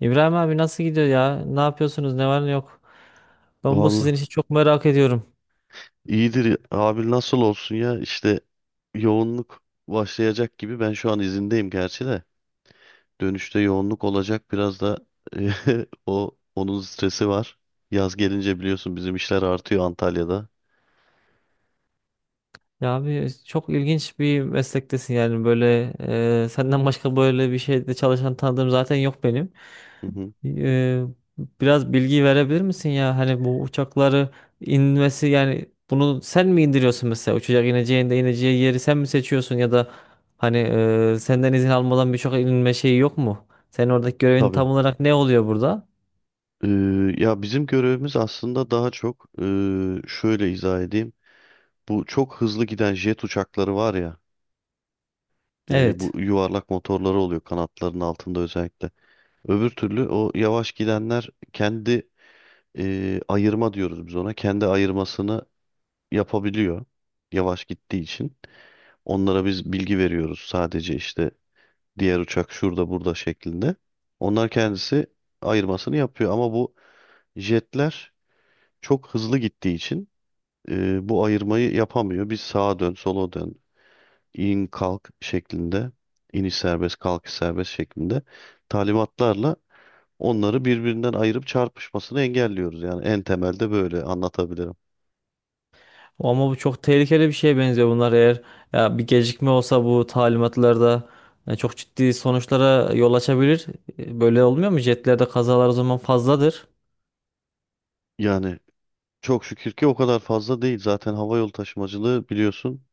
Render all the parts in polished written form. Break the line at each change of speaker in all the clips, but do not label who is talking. İbrahim abi nasıl gidiyor ya? Ne yapıyorsunuz? Ne var ne yok? Ben bu sizin
Vallahi
işi çok merak ediyorum.
iyidir abi nasıl olsun ya işte yoğunluk başlayacak gibi ben şu an izindeyim gerçi de dönüşte yoğunluk olacak biraz da o onun stresi var. Yaz gelince biliyorsun bizim işler artıyor Antalya'da.
Ya abi çok ilginç bir meslektesin yani böyle senden başka böyle bir şeyde çalışan tanıdığım zaten yok benim.
Hı hı.
E, Biraz bilgi verebilir misin ya? Hani bu uçakları inmesi yani bunu sen mi indiriyorsun mesela uçacak ineceğinde ineceği yeri sen mi seçiyorsun ya da hani senden izin almadan birçok inme şeyi yok mu? Senin oradaki görevin
Tabii.
tam olarak ne oluyor burada?
Ee, Ya bizim görevimiz aslında daha çok şöyle izah edeyim. Bu çok hızlı giden jet uçakları var ya, bu
Evet.
yuvarlak motorları oluyor kanatların altında özellikle. Öbür türlü o yavaş gidenler kendi, ayırma diyoruz biz ona. Kendi ayırmasını yapabiliyor yavaş gittiği için. Onlara biz bilgi veriyoruz sadece, işte diğer uçak şurada burada şeklinde. Onlar kendisi ayırmasını yapıyor ama bu jetler çok hızlı gittiği için bu ayırmayı yapamıyor. Biz sağa dön, sola dön, in kalk şeklinde, iniş serbest, kalkış serbest şeklinde talimatlarla onları birbirinden ayırıp çarpışmasını engelliyoruz. Yani en temelde böyle anlatabilirim.
Ama bu çok tehlikeli bir şeye benziyor, bunlar eğer ya bir gecikme olsa bu talimatlarda çok ciddi sonuçlara yol açabilir. Böyle olmuyor mu? Jetlerde kazalar o zaman fazladır.
Yani çok şükür ki o kadar fazla değil. Zaten hava yolu taşımacılığı biliyorsun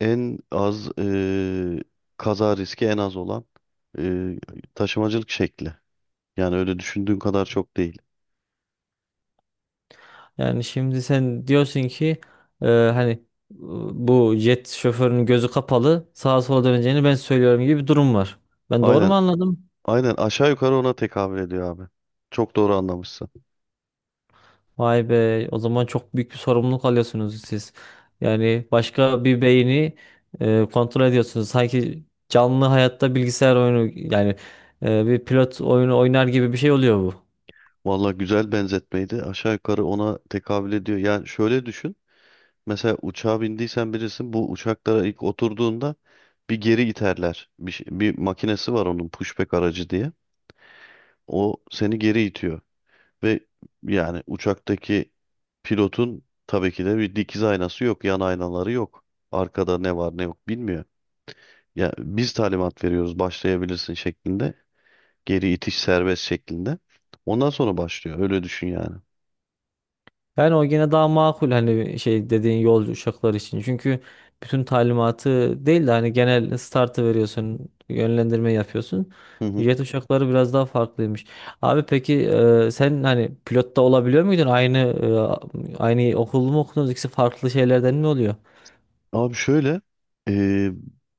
en az, kaza riski en az olan e, taşımacılık şekli. Yani öyle düşündüğün kadar çok değil.
Yani şimdi sen diyorsun ki e, hani e, bu jet şoförünün gözü kapalı sağa sola döneceğini ben söylüyorum gibi bir durum var. Ben doğru
Aynen,
mu anladım?
aynen, aşağı yukarı ona tekabül ediyor abi. Çok doğru anlamışsın.
Vay be, o zaman çok büyük bir sorumluluk alıyorsunuz siz. Yani başka bir beyni kontrol ediyorsunuz. Sanki canlı hayatta bilgisayar oyunu yani bir pilot oyunu oynar gibi bir şey oluyor bu.
Valla güzel benzetmeydi. Aşağı yukarı ona tekabül ediyor. Yani şöyle düşün. Mesela uçağa bindiysen bilirsin, bu uçaklara ilk oturduğunda bir geri iterler. Bir, bir makinesi var onun, pushback aracı diye. O seni geri itiyor. Ve yani uçaktaki pilotun tabii ki de bir dikiz aynası yok, yan aynaları yok. Arkada ne var ne yok bilmiyor. Ya biz talimat veriyoruz başlayabilirsin şeklinde. Geri itiş serbest şeklinde. Ondan sonra başlıyor. Öyle düşün yani.
Yani o gene daha makul hani şey dediğin yolcu uçaklar için. Çünkü bütün talimatı değil de hani genel startı veriyorsun, yönlendirme yapıyorsun.
Hı hı.
Jet uçakları biraz daha farklıymış. Abi peki sen hani pilotta olabiliyor muydun? Aynı okul mu okudunuz? İkisi farklı şeylerden mi oluyor?
Abi şöyle, e,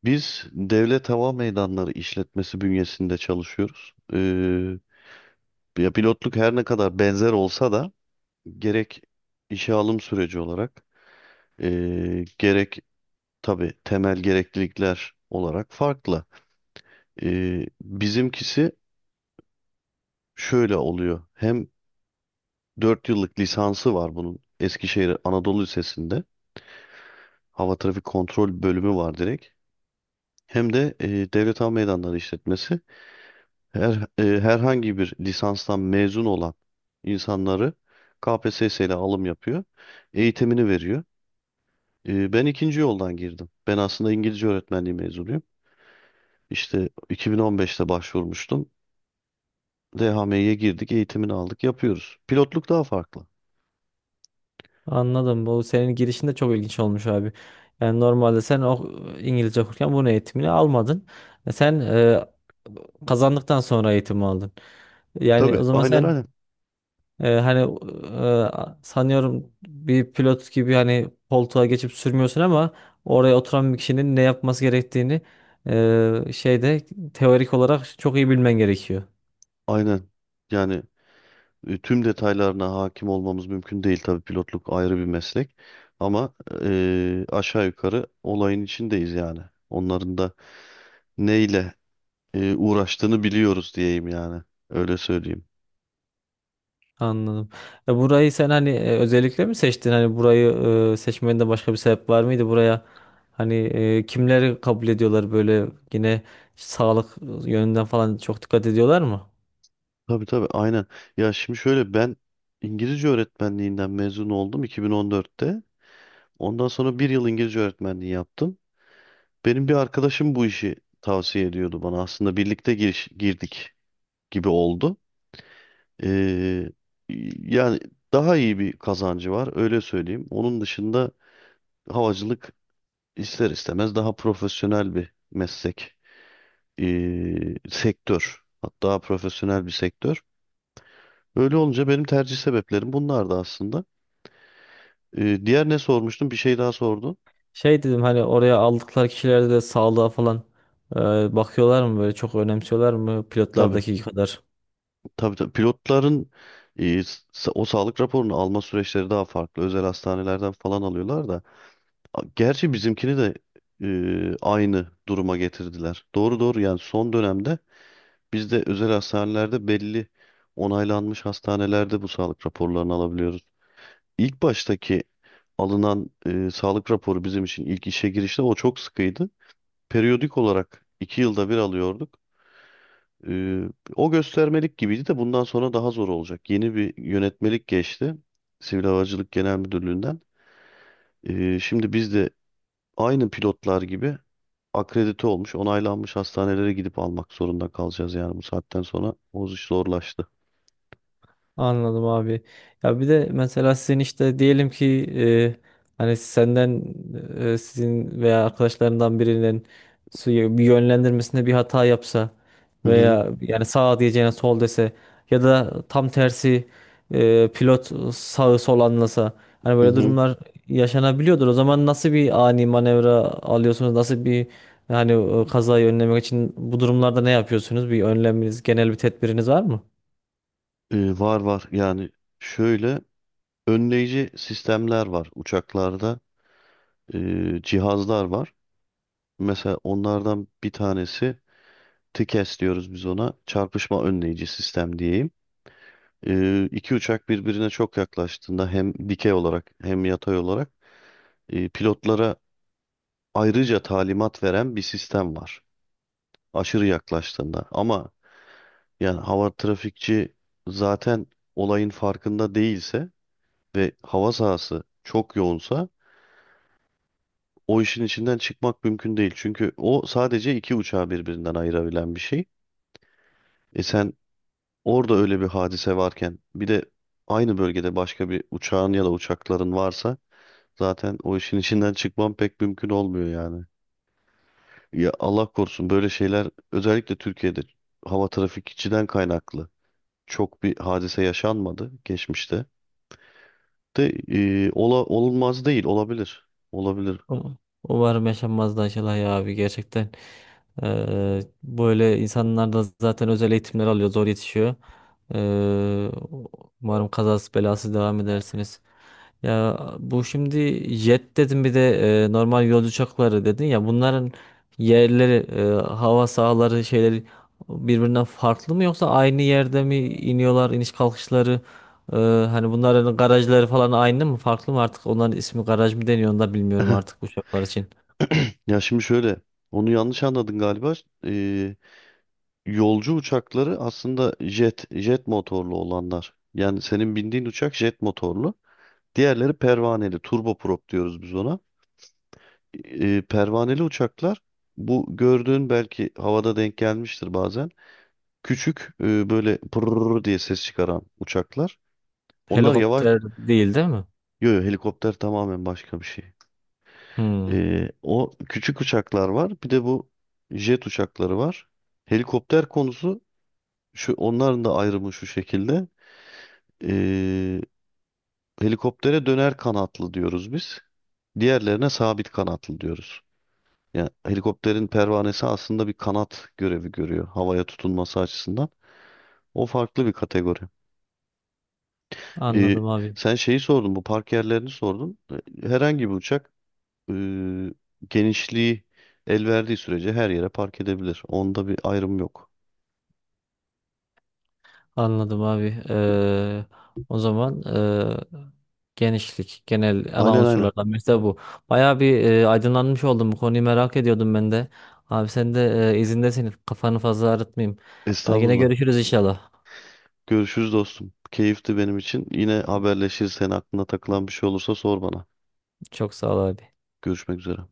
biz Devlet Hava Meydanları işletmesi bünyesinde çalışıyoruz. E, ya pilotluk her ne kadar benzer olsa da gerek işe alım süreci olarak, gerek tabii temel gereklilikler olarak farklı. Bizimkisi şöyle oluyor. Hem 4 yıllık lisansı var bunun Eskişehir Anadolu Lisesi'nde. Hava Trafik Kontrol bölümü var direkt. Hem de, Devlet Hava Meydanları İşletmesi her, herhangi bir lisanstan mezun olan insanları KPSS ile alım yapıyor. Eğitimini veriyor. E, ben ikinci yoldan girdim. Ben aslında İngilizce öğretmenliği mezunuyum. İşte 2015'te başvurmuştum. DHM'ye girdik, eğitimini aldık, yapıyoruz. Pilotluk daha farklı.
Anladım. Bu senin girişin de çok ilginç olmuş abi. Yani normalde sen o İngilizce okurken bunun eğitimini almadın. Sen kazandıktan sonra eğitimi aldın. Yani
Tabii.
o zaman
Aynen,
sen
aynen.
Ee, hani sanıyorum bir pilot gibi hani koltuğa geçip sürmüyorsun ama oraya oturan bir kişinin ne yapması gerektiğini e, şeyde teorik olarak çok iyi bilmen gerekiyor.
Aynen. Yani tüm detaylarına hakim olmamız mümkün değil, tabii pilotluk ayrı bir meslek. Ama aşağı yukarı olayın içindeyiz yani. Onların da neyle uğraştığını biliyoruz diyeyim yani. Öyle söyleyeyim.
Anladım. Burayı sen hani özellikle mi seçtin? Hani burayı seçmende başka bir sebep var mıydı? Buraya hani kimleri kabul ediyorlar böyle yine sağlık yönünden falan çok dikkat ediyorlar mı?
Tabii, tabii, aynen. Ya şimdi şöyle, ben İngilizce öğretmenliğinden mezun oldum 2014'te. Ondan sonra bir yıl İngilizce öğretmenliği yaptım. Benim bir arkadaşım bu işi tavsiye ediyordu bana. Aslında birlikte girdik gibi oldu. Ee, Yani daha iyi bir kazancı var, öyle söyleyeyim. Onun dışında havacılık ister istemez daha profesyonel bir meslek, sektör. Hatta profesyonel bir sektör. Öyle olunca benim tercih sebeplerim bunlardı aslında. Diğer ne sormuştum? Bir şey daha sordun.
Şey dedim hani oraya aldıkları kişilerde de sağlığa falan e, bakıyorlar mı böyle çok önemsiyorlar mı
Tabii.
pilotlardaki kadar?
Tabii, tabii, pilotların e, o sağlık raporunu alma süreçleri daha farklı. Özel hastanelerden falan alıyorlar da. Gerçi bizimkini de aynı duruma getirdiler. Doğru, doğru, yani son dönemde bizde özel hastanelerde belli onaylanmış hastanelerde bu sağlık raporlarını alabiliyoruz. İlk baştaki alınan sağlık raporu bizim için ilk işe girişte o çok sıkıydı. Periyodik olarak iki yılda bir alıyorduk. Ee, O göstermelik gibiydi de bundan sonra daha zor olacak. Yeni bir yönetmelik geçti. Sivil Havacılık Genel Müdürlüğü'nden. Şimdi biz de aynı pilotlar gibi akredite olmuş, onaylanmış hastanelere gidip almak zorunda kalacağız, yani bu saatten sonra o iş zorlaştı.
Anladım abi. Ya bir de mesela sizin işte diyelim ki e, hani senden sizin veya arkadaşlarından birinin suyu bir yönlendirmesinde bir hata yapsa
Hı hı,
veya yani sağ diyeceğine sol dese ya da tam tersi pilot sağı sol anlasa hani
hı
böyle
hı.
durumlar yaşanabiliyordur. O zaman nasıl bir ani manevra alıyorsunuz? Nasıl bir hani kazayı önlemek için bu durumlarda ne yapıyorsunuz? Bir önleminiz, genel bir tedbiriniz var mı?
Var, var, yani şöyle önleyici sistemler var uçaklarda. Cihazlar var. Mesela onlardan bir tanesi TİKES diyoruz biz ona, çarpışma önleyici sistem diyeyim. E, iki uçak birbirine çok yaklaştığında hem dikey olarak hem yatay olarak pilotlara ayrıca talimat veren bir sistem var. Aşırı yaklaştığında. Ama yani hava trafikçi zaten olayın farkında değilse ve hava sahası çok yoğunsa o işin içinden çıkmak mümkün değil. Çünkü o sadece iki uçağı birbirinden ayırabilen bir şey. E sen orada öyle bir hadise varken bir de aynı bölgede başka bir uçağın ya da uçakların varsa zaten o işin içinden çıkmam pek mümkün olmuyor yani. Ya Allah korusun, böyle şeyler özellikle Türkiye'de hava trafikçiden kaynaklı çok bir hadise yaşanmadı geçmişte. De olmaz değil, olabilir. Olabilir.
Um- Umarım yaşanmaz da Aşılay ya abi gerçekten. Böyle insanlar da zaten özel eğitimler alıyor, zor yetişiyor. Eee, Umarım kazası belasız devam edersiniz. Ya bu şimdi jet dedim, bir de normal yolcu uçakları dedin ya, bunların yerleri hava sahaları şeyleri birbirinden farklı mı yoksa aynı yerde mi iniyorlar iniş kalkışları? Ee, Hani bunların garajları falan aynı mı farklı mı, artık onların ismi garaj mı deniyor onu da bilmiyorum artık uçaklar için.
Ya şimdi şöyle, onu yanlış anladın galiba. E, yolcu uçakları aslında jet motorlu olanlar. Yani senin bindiğin uçak jet motorlu. Diğerleri pervaneli, turboprop diyoruz biz ona. Pervaneli uçaklar bu gördüğün belki havada denk gelmiştir bazen. Küçük, böyle pırrr diye ses çıkaran uçaklar. Onlar yavaş,
Helikopter değil değil mi?
yo, helikopter tamamen başka bir şey.
Hmm,
E, o küçük uçaklar var. Bir de bu jet uçakları var. Helikopter konusu, şu onların da ayrımı şu şekilde. E, helikoptere döner kanatlı diyoruz biz. Diğerlerine sabit kanatlı diyoruz. Yani helikopterin pervanesi aslında bir kanat görevi görüyor havaya tutunması açısından. O farklı bir kategori. Ee,
anladım abi.
Sen şeyi sordun, bu park yerlerini sordun. Herhangi bir uçak e, genişliği el verdiği sürece her yere park edebilir. Onda bir ayrım yok.
Anladım abi. O zaman genişlik genel ana
Aynen, aynen.
unsurlardan birisi de bu. Bayağı bir aydınlanmış oldum, bu konuyu merak ediyordum ben de. Abi sen de izindesin, kafanı fazla ağrıtmayayım. Ha, yine
Estağfurullah.
görüşürüz inşallah.
Görüşürüz dostum. Keyifti benim için. Yine haberleşirsen aklına takılan bir şey olursa sor bana.
Çok sağ ol abi.
Görüşmek üzere.